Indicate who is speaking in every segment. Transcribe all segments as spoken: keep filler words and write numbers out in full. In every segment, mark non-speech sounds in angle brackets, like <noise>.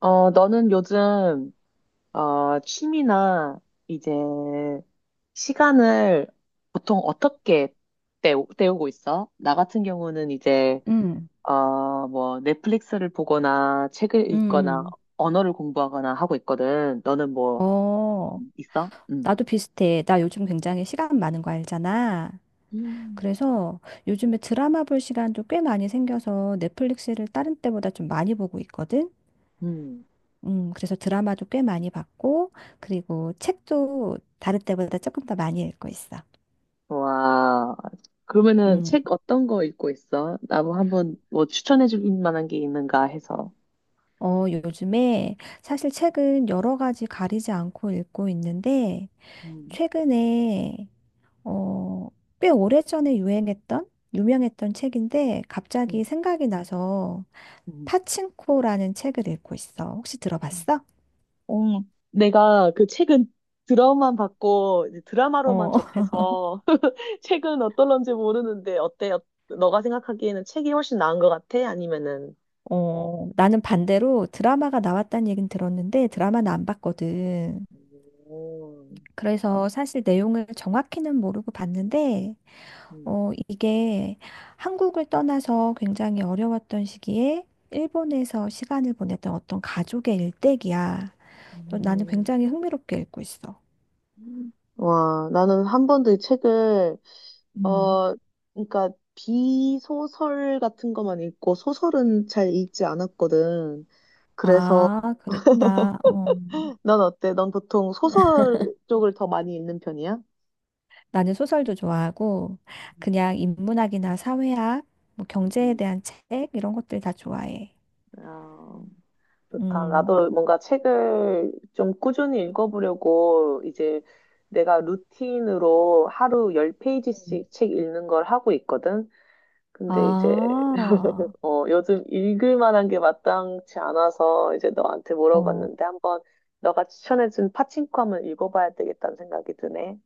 Speaker 1: 어, 너는 요즘, 어, 취미나 이제 시간을 보통 어떻게 때우, 때우고 있어? 나 같은 경우는 이제,
Speaker 2: 응,
Speaker 1: 어, 뭐, 넷플릭스를 보거나 책을
Speaker 2: 응,
Speaker 1: 읽거나
Speaker 2: 응.
Speaker 1: 언어를 공부하거나 하고 있거든. 너는 뭐,
Speaker 2: 어,
Speaker 1: 있어? 응.
Speaker 2: 나도 비슷해. 나 요즘 굉장히 시간 많은 거 알잖아.
Speaker 1: 음.
Speaker 2: 그래서 요즘에 드라마 볼 시간도 꽤 많이 생겨서 넷플릭스를 다른 때보다 좀 많이 보고 있거든.
Speaker 1: 음.
Speaker 2: 음, 그래서 드라마도 꽤 많이 봤고, 그리고 책도 다른 때보다 조금 더 많이 읽고 있어.
Speaker 1: 와. 그러면은
Speaker 2: 음,
Speaker 1: 책 어떤 거 읽고 있어? 나도 한번 뭐 추천해 줄 만한 게 있는가 해서.
Speaker 2: 어, 요즘에 사실 책은 여러 가지 가리지 않고 읽고 있는데,
Speaker 1: 음.
Speaker 2: 최근에 어, 꽤 오래전에 유행했던, 유명했던 책인데
Speaker 1: 음.
Speaker 2: 갑자기 생각이 나서
Speaker 1: 음.
Speaker 2: 파친코라는 책을 읽고 있어. 혹시 들어봤어?
Speaker 1: 어, 내가 그 책은 드라마만 봤고 이제 드라마로만
Speaker 2: 어, <laughs>
Speaker 1: 접해서 <laughs> 책은 어떨런지 모르는데 어때? 어- 너가 생각하기에는 책이 훨씬 나은 것 같아? 아니면은
Speaker 2: 어, 나는 반대로 드라마가 나왔다는 얘긴 들었는데 드라마는 안 봤거든.
Speaker 1: 오,
Speaker 2: 그래서 사실 내용을 정확히는 모르고 봤는데,
Speaker 1: 음,
Speaker 2: 어, 이게 한국을 떠나서 굉장히 어려웠던 시기에 일본에서 시간을 보냈던 어떤 가족의 일대기야. 또 나는
Speaker 1: 음.
Speaker 2: 굉장히 흥미롭게 읽고 있어.
Speaker 1: 와, 나는 한 번도 이 책을
Speaker 2: 음.
Speaker 1: 어, 그러니까 비소설 같은 것만 읽고 소설은 잘 읽지 않았거든. 그래서
Speaker 2: 아, 그랬구나. 어. 음.
Speaker 1: 넌 어때? 넌 보통 소설 쪽을 더 많이 읽는 편이야?
Speaker 2: 나는 소설도 좋아하고 그냥 인문학이나 사회학, 뭐 경제에
Speaker 1: 음.
Speaker 2: 대한 책 이런 것들 다 좋아해.
Speaker 1: 아, 좋다.
Speaker 2: 음.
Speaker 1: 나도 뭔가 책을 좀 꾸준히 읽어보려고 이제 내가 루틴으로 하루 열 페이지
Speaker 2: 음.
Speaker 1: 씩 책 읽는 걸 하고 있거든. 근데 이제
Speaker 2: 아,
Speaker 1: <laughs> 어, 요즘 읽을 만한 게 마땅치 않아서 이제 너한테
Speaker 2: 어,
Speaker 1: 물어봤는데 한번 너가 추천해준 파친코 한번 읽어봐야 되겠다는 생각이 드네.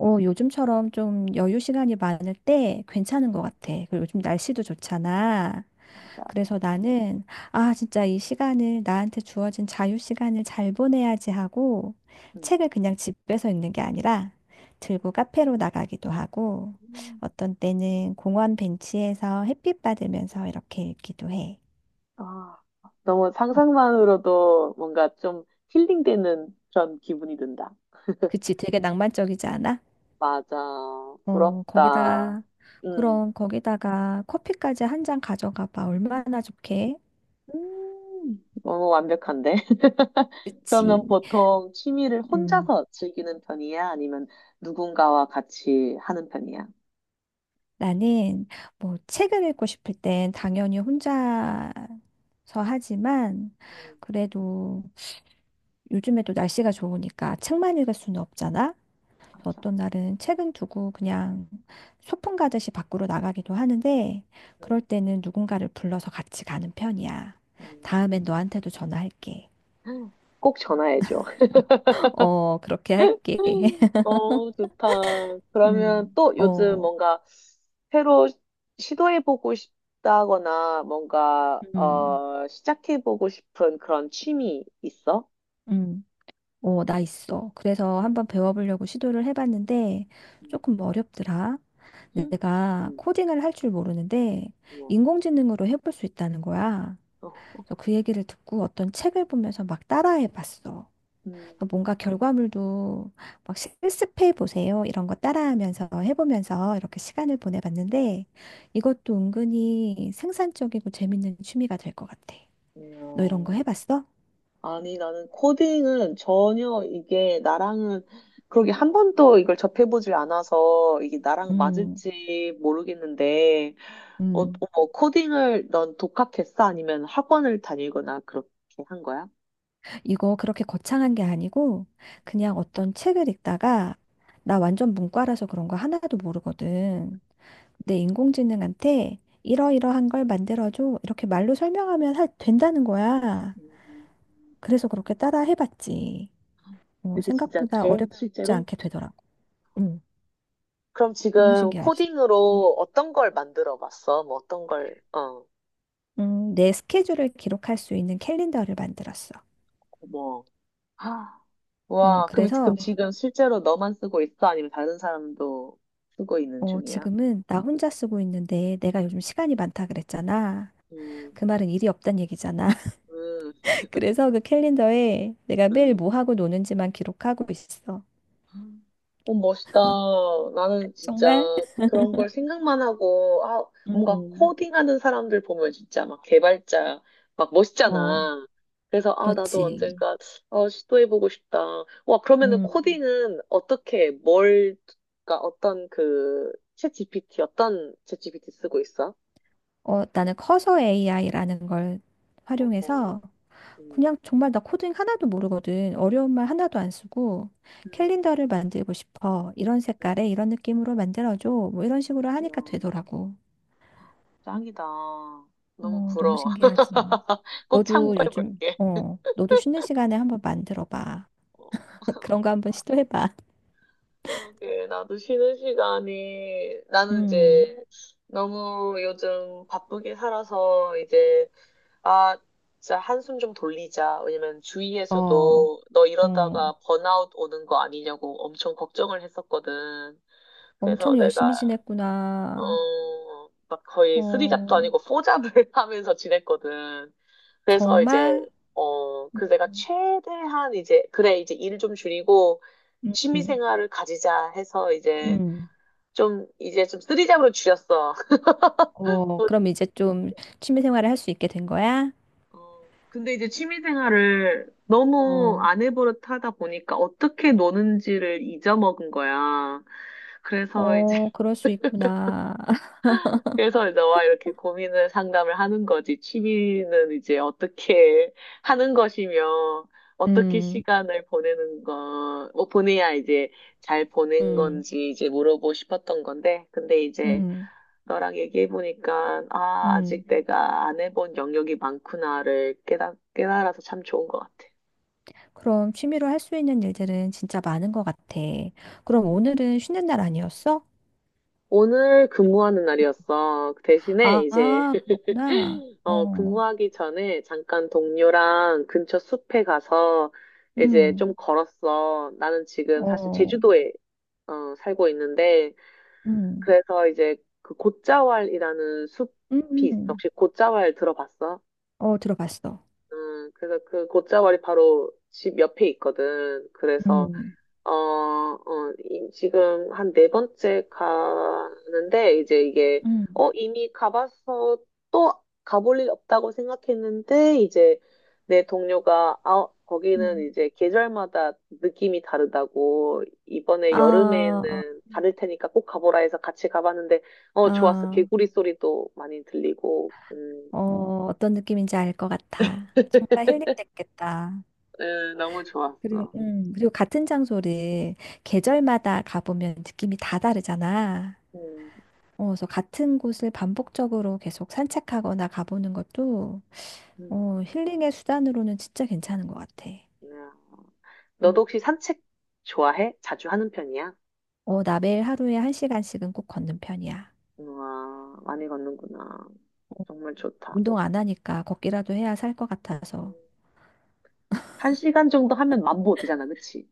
Speaker 2: 어, 요즘처럼 좀 여유 시간이 많을 때 괜찮은 것 같아. 그리고 요즘 날씨도 좋잖아.
Speaker 1: 맞아.
Speaker 2: 그래서 나는, 아, 진짜 이 시간을, 나한테 주어진 자유 시간을 잘 보내야지 하고,
Speaker 1: 음.
Speaker 2: 책을 그냥 집에서 읽는 게 아니라, 들고 카페로 나가기도 하고,
Speaker 1: 음.
Speaker 2: 어떤 때는 공원 벤치에서 햇빛 받으면서 이렇게 읽기도 해.
Speaker 1: 아, 너무
Speaker 2: 어,
Speaker 1: 상상만으로도 뭔가 좀 힐링되는 그런 기분이 든다.
Speaker 2: 그치, 되게 낭만적이지 않아?
Speaker 1: 맞아.
Speaker 2: 어,
Speaker 1: 부럽다.
Speaker 2: 거기다가,
Speaker 1: 음.
Speaker 2: 그럼 거기다가 커피까지 한 잔 가져가 봐. 얼마나 좋게?
Speaker 1: 음, 너무 완벽한데? <laughs> 그러면
Speaker 2: 그치.
Speaker 1: 보통 취미를
Speaker 2: 음.
Speaker 1: 혼자서 즐기는 편이야? 아니면 누군가와 같이 하는 편이야?
Speaker 2: 나는 뭐 책을 읽고 싶을 땐 당연히 혼자서 하지만
Speaker 1: 음,
Speaker 2: 그래도 요즘에도 날씨가 좋으니까 책만 읽을 수는 없잖아. 그래서
Speaker 1: 맞아.
Speaker 2: 어떤 날은 책은 두고 그냥 소풍 가듯이 밖으로 나가기도 하는데 그럴
Speaker 1: 음,
Speaker 2: 때는 누군가를 불러서 같이 가는 편이야.
Speaker 1: 음,
Speaker 2: 다음엔 너한테도 전화할게.
Speaker 1: 음. 꼭 전화해줘.
Speaker 2: <laughs> 어, 그렇게
Speaker 1: <laughs>
Speaker 2: 할게. <laughs>
Speaker 1: 너무 좋다. 그러면
Speaker 2: 음,
Speaker 1: 또 요즘
Speaker 2: 어,
Speaker 1: 뭔가 새로 시도해보고 싶다거나 뭔가
Speaker 2: 음,
Speaker 1: 어, 시작해보고 싶은 그런 취미 있어?
Speaker 2: 음. 어, 나 있어. 그래서 한번 배워보려고 시도를 해봤는데 조금 어렵더라. 내가
Speaker 1: 음,
Speaker 2: 코딩을 할 줄 모르는데
Speaker 1: 우와.
Speaker 2: 인공지능으로 해볼 수 있다는 거야. 그래서 그 얘기를 듣고 어떤 책을 보면서 막 따라해봤어.
Speaker 1: 음,
Speaker 2: 그래서 뭔가 결과물도 막 실습해보세요. 이런 거 따라하면서 해보면서 이렇게 시간을 보내봤는데 이것도 은근히 생산적이고 재밌는 취미가 될 것 같아.
Speaker 1: 이야.
Speaker 2: 너 이런 거 해봤어?
Speaker 1: 아니, 나는 코딩은 전혀 이게 나랑은 그러게 한 번도 이걸 접해보질 않아서 이게 나랑
Speaker 2: 음,
Speaker 1: 맞을지 모르겠는데, 어,
Speaker 2: 음.
Speaker 1: 어, 코딩을 넌 독학했어? 아니면 학원을 다니거나 그렇게 한 거야?
Speaker 2: 이거 그렇게 거창한 게 아니고 그냥 어떤 책을 읽다가 나 완전 문과라서 그런 거 하나도 모르거든. 근데 인공지능한테 이러이러한 걸 만들어줘. 이렇게 말로 설명하면 할, 된다는 거야.
Speaker 1: 음,
Speaker 2: 그래서 그렇게 따라 해봤지. 어,
Speaker 1: 그게 진짜
Speaker 2: 생각보다
Speaker 1: 돼?
Speaker 2: 어렵지
Speaker 1: 실제로?
Speaker 2: 않게 되더라고. 응,
Speaker 1: 그럼
Speaker 2: 너무
Speaker 1: 지금
Speaker 2: 신기하지.
Speaker 1: 코딩으로 어떤 걸 만들어 봤어? 뭐 어떤 걸, 어,
Speaker 2: 음, 내 스케줄을 기록할 수 있는 캘린더를 만들었어.
Speaker 1: 뭐 아,
Speaker 2: 어,
Speaker 1: 와, 그럼,
Speaker 2: 그래서
Speaker 1: 그럼 네. 지금 실제로 너만 쓰고 있어? 아니면 다른 사람도 쓰고 있는
Speaker 2: 어,
Speaker 1: 중이야?
Speaker 2: 지금은 나 혼자 쓰고 있는데 내가 요즘 시간이 많다 그랬잖아.
Speaker 1: 음,
Speaker 2: 그 말은 일이 없단 얘기잖아.
Speaker 1: 음,
Speaker 2: <laughs> 그래서 그 캘린더에 내가 매일
Speaker 1: 음.
Speaker 2: 뭐 하고 노는지만 기록하고 있어.
Speaker 1: 어, 멋있다. 나는 진짜
Speaker 2: 정말?
Speaker 1: 그런 걸 생각만 하고, 아, 뭔가
Speaker 2: 음.
Speaker 1: 코딩하는 사람들 보면 진짜 막 개발자, 막
Speaker 2: 어,
Speaker 1: 멋있잖아. 그래서, 아, 나도
Speaker 2: 그렇지.
Speaker 1: 언젠가, 어, 시도해보고 싶다. 와, 그러면은
Speaker 2: 음.
Speaker 1: 코딩은 어떻게, 뭘, 그러니까 어떤 그, 챗 지피티, 어떤 챗 지피티 쓰고 있어?
Speaker 2: 어, 나는 커서 에이아이라는 걸
Speaker 1: 어
Speaker 2: 활용해서
Speaker 1: 음,
Speaker 2: 그냥 정말 나 코딩 하나도 모르거든. 어려운 말 하나도 안 쓰고
Speaker 1: 음,
Speaker 2: 캘린더를 만들고 싶어. 이런
Speaker 1: 음.
Speaker 2: 색깔에 이런 느낌으로 만들어줘. 뭐 이런 식으로
Speaker 1: 이야,
Speaker 2: 하니까 되더라고.
Speaker 1: 짱이다. 너무
Speaker 2: 어, 너무
Speaker 1: 부러워. <laughs>
Speaker 2: 신기하지.
Speaker 1: 꼭
Speaker 2: 너도 요즘,
Speaker 1: 참고해볼게.
Speaker 2: 어, 너도 쉬는 시간에 한번 만들어 봐.
Speaker 1: 어,
Speaker 2: 그런 거
Speaker 1: <laughs>
Speaker 2: 한번 시도해봐.
Speaker 1: 그러게, 나도 쉬는 시간이, 나는
Speaker 2: 음,
Speaker 1: 이제 너무 요즘 바쁘게 살아서 이제, 아, 진짜 한숨 좀 돌리자. 왜냐면
Speaker 2: 어,
Speaker 1: 주위에서도 너
Speaker 2: 어,
Speaker 1: 이러다가 번아웃 오는 거 아니냐고 엄청 걱정을 했었거든. 그래서
Speaker 2: 엄청
Speaker 1: 내가
Speaker 2: 열심히 지냈구나.
Speaker 1: 어, 막 거의 쓰리잡도
Speaker 2: 어,
Speaker 1: 아니고 포잡을 <laughs> 하면서 지냈거든. 그래서 이제,
Speaker 2: 정말?
Speaker 1: 어, 그 내가
Speaker 2: 음,
Speaker 1: 최대한 이제, 그래, 이제 일 좀 줄이고 취미
Speaker 2: 음,
Speaker 1: 생활을 가지자 해서 이제
Speaker 2: 음.
Speaker 1: 좀, 이제 좀 쓰리잡으로 줄였어.
Speaker 2: 어, 그럼
Speaker 1: <laughs>
Speaker 2: 이제 좀 취미 생활을 할 수 있게 된 거야?
Speaker 1: 어, 근데 이제 취미 생활을 너무
Speaker 2: 어,
Speaker 1: 안 해버릇 하다 보니까 어떻게 노는지를 잊어먹은 거야. 그래서 이제
Speaker 2: 어, 그럴 수 있구나. <laughs>
Speaker 1: 그래서 너와 이렇게 고민을 상담을 하는 거지. 취미는 이제 어떻게 하는 것이며, 어떻게
Speaker 2: 음,
Speaker 1: 시간을 보내는 거, 뭐 보내야 이제 잘 보낸
Speaker 2: 음,
Speaker 1: 건지 이제 물어보고 싶었던 건데, 근데 이제
Speaker 2: 음,
Speaker 1: 너랑 얘기해보니까, 아,
Speaker 2: 음.
Speaker 1: 아직 내가 안 해본 영역이 많구나를 깨달, 깨달아서 참 좋은 것 같아.
Speaker 2: 그럼 취미로 할 수 있는 일들은 진짜 많은 것 같아. 그럼 오늘은 쉬는 날 아니었어?
Speaker 1: 오늘 근무하는 날이었어. 그 대신에 이제
Speaker 2: 아, 그렇구나.
Speaker 1: 어,
Speaker 2: 어,
Speaker 1: 근무하기 전에 잠깐 동료랑 근처 숲에 가서 이제
Speaker 2: 음,
Speaker 1: 좀 걸었어. 나는 지금 사실
Speaker 2: 어.
Speaker 1: 제주도에 어, 살고 있는데
Speaker 2: 음,
Speaker 1: 그래서 이제 그 곶자왈이라는 숲이
Speaker 2: 음,
Speaker 1: 있어.
Speaker 2: 음.
Speaker 1: 혹시 곶자왈 들어봤어?
Speaker 2: 어, 들어봤어.
Speaker 1: 음, 그래서 그 곶자왈이 바로 집 옆에 있거든. 그래서
Speaker 2: 음,
Speaker 1: 어, 어, 이- 지금 한 네 번째 가는데, 이제 이게,
Speaker 2: 음,
Speaker 1: 어, 이미 가봐서 또 가볼 일 없다고 생각했는데, 이제 내 동료가, 아, 거기는
Speaker 2: 음.
Speaker 1: 이제 계절마다 느낌이 다르다고, 이번에
Speaker 2: 아,
Speaker 1: 여름에는 다를 테니까 꼭 가보라 해서 같이 가봤는데, 어, 좋았어.
Speaker 2: 아,
Speaker 1: 개구리 소리도 많이 들리고, 음,
Speaker 2: 어, 어떤 느낌인지 알 것 같아. 정말
Speaker 1: <laughs>
Speaker 2: 힐링됐겠다.
Speaker 1: 에, 너무
Speaker 2: 그리고,
Speaker 1: 좋았어.
Speaker 2: 음, 그리고 같은 장소를 계절마다 가보면 느낌이 다 다르잖아.
Speaker 1: 음,
Speaker 2: 어, 그래서 같은 곳을 반복적으로 계속 산책하거나 가보는 것도
Speaker 1: 음.
Speaker 2: 어, 힐링의 수단으로는 진짜 괜찮은 것 같아.
Speaker 1: 야.
Speaker 2: 음.
Speaker 1: 너도 혹시 산책 좋아해? 자주 하는 편이야?
Speaker 2: 어, 나 매일 하루에 한 시간씩은 꼭 걷는 편이야.
Speaker 1: 우와, 많이 걷는구나. 정말 좋다.
Speaker 2: 운동 안 하니까 걷기라도 해야 살 것
Speaker 1: 음,
Speaker 2: 같아서.
Speaker 1: 한 시간 정도 하면 만보 되잖아, 그치?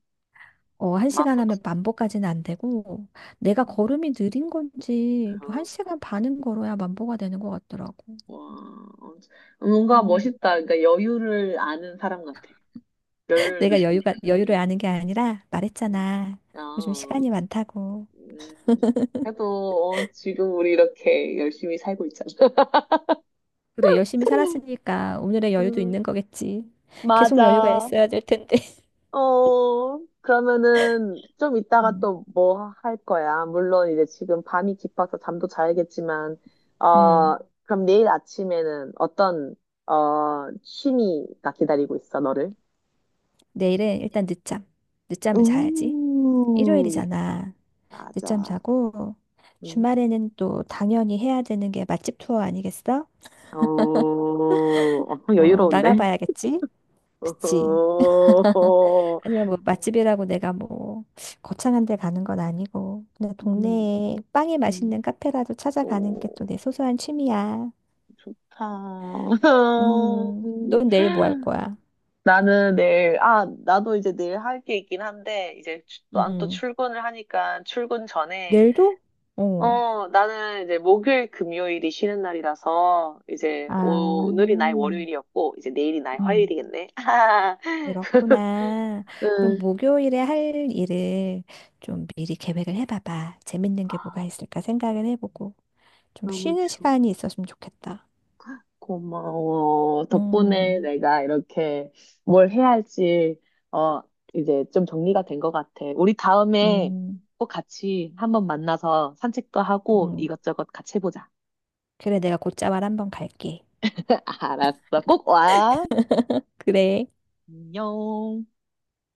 Speaker 2: 어, 한 시간
Speaker 1: 만보.
Speaker 2: 하면 만보까지는 안 되고, 내가 걸음이 느린 건지, 또 한
Speaker 1: 어,
Speaker 2: 시간 반은 걸어야 만보가 되는 것 같더라고.
Speaker 1: 와, 뭔가
Speaker 2: 음.
Speaker 1: 멋있다. 그러니까 여유를 아는 사람 같아.
Speaker 2: <laughs>
Speaker 1: 여유를
Speaker 2: 내가
Speaker 1: 느끼.
Speaker 2: 여유가, 여유를 아는 게 아니라
Speaker 1: 음.
Speaker 2: 말했잖아. 요즘
Speaker 1: 아,
Speaker 2: 시간이 많다고.
Speaker 1: 음. 그래도 어, 지금 우리 이렇게 열심히 살고 있잖아.
Speaker 2: 그래, 열심히 살았으니까 오늘의
Speaker 1: <laughs>
Speaker 2: 여유도
Speaker 1: 음,
Speaker 2: 있는 거겠지. 계속 여유가
Speaker 1: 맞아.
Speaker 2: 있어야 될 텐데. <laughs>
Speaker 1: 어, 그러면은 좀 이따가
Speaker 2: 음,
Speaker 1: 또 뭐 할 거야? 물론 이제 지금 밤이 깊어서 잠도 자야겠지만,
Speaker 2: 음.
Speaker 1: 어, 그럼 내일 아침에는 어떤, 어, 취미가 기다리고 있어, 너를?
Speaker 2: 내일은 일단 늦잠. 늦잠을 자야지.
Speaker 1: 우,
Speaker 2: 일요일이잖아. 늦잠
Speaker 1: 맞아.
Speaker 2: 자고
Speaker 1: 음,
Speaker 2: 주말에는 또 당연히 해야 되는 게 맛집 투어 아니겠어?
Speaker 1: 어, 엄청
Speaker 2: 어,
Speaker 1: 여유로운데?
Speaker 2: 나가봐야겠지? 그치?
Speaker 1: <laughs> 어,
Speaker 2: 하지만 뭐 맛집이라고 내가 뭐 거창한 데 가는 건 아니고 그냥
Speaker 1: 음,
Speaker 2: 동네에 빵이
Speaker 1: 음,
Speaker 2: 맛있는 카페라도 찾아가는 게
Speaker 1: 오,
Speaker 2: 또 내 소소한 취미야.
Speaker 1: 좋다.
Speaker 2: 음, 넌 내일 뭐 할
Speaker 1: <laughs>
Speaker 2: 거야?
Speaker 1: 나는 내일, 아, 나도 이제 내일 할 게 있긴 한데, 이제 난 또
Speaker 2: 음,
Speaker 1: 출근을 하니까 출근 전에,
Speaker 2: 내일도? 어.
Speaker 1: 어, 나는 이제 목요일, 금요일이 쉬는 날이라서, 이제
Speaker 2: 아,
Speaker 1: 오늘이 나의 월요일이었고, 이제 내일이 나의
Speaker 2: 음.
Speaker 1: 화요일이겠네. <laughs>
Speaker 2: 그렇구나. 그럼
Speaker 1: 응.
Speaker 2: 목요일에 할 일을 좀 미리 계획을 해봐봐. 재밌는 게
Speaker 1: 아,
Speaker 2: 뭐가 있을까 생각을 해보고. 좀
Speaker 1: 너무
Speaker 2: 쉬는
Speaker 1: 좋-
Speaker 2: 시간이 있었으면 좋겠다.
Speaker 1: 고마워. 덕분에
Speaker 2: 음,
Speaker 1: 내가 이렇게 뭘 해야 할지, 어, 이제 좀 정리가 된 것 같아. 우리 다음에
Speaker 2: 음.
Speaker 1: 꼭 같이 한번 만나서 산책도 하고
Speaker 2: 음.
Speaker 1: 이것저것 같이 해보자.
Speaker 2: 그래, 내가 곧자말 한번 갈게.
Speaker 1: <laughs> 알았어. 꼭 와.
Speaker 2: 그래.
Speaker 1: 안녕.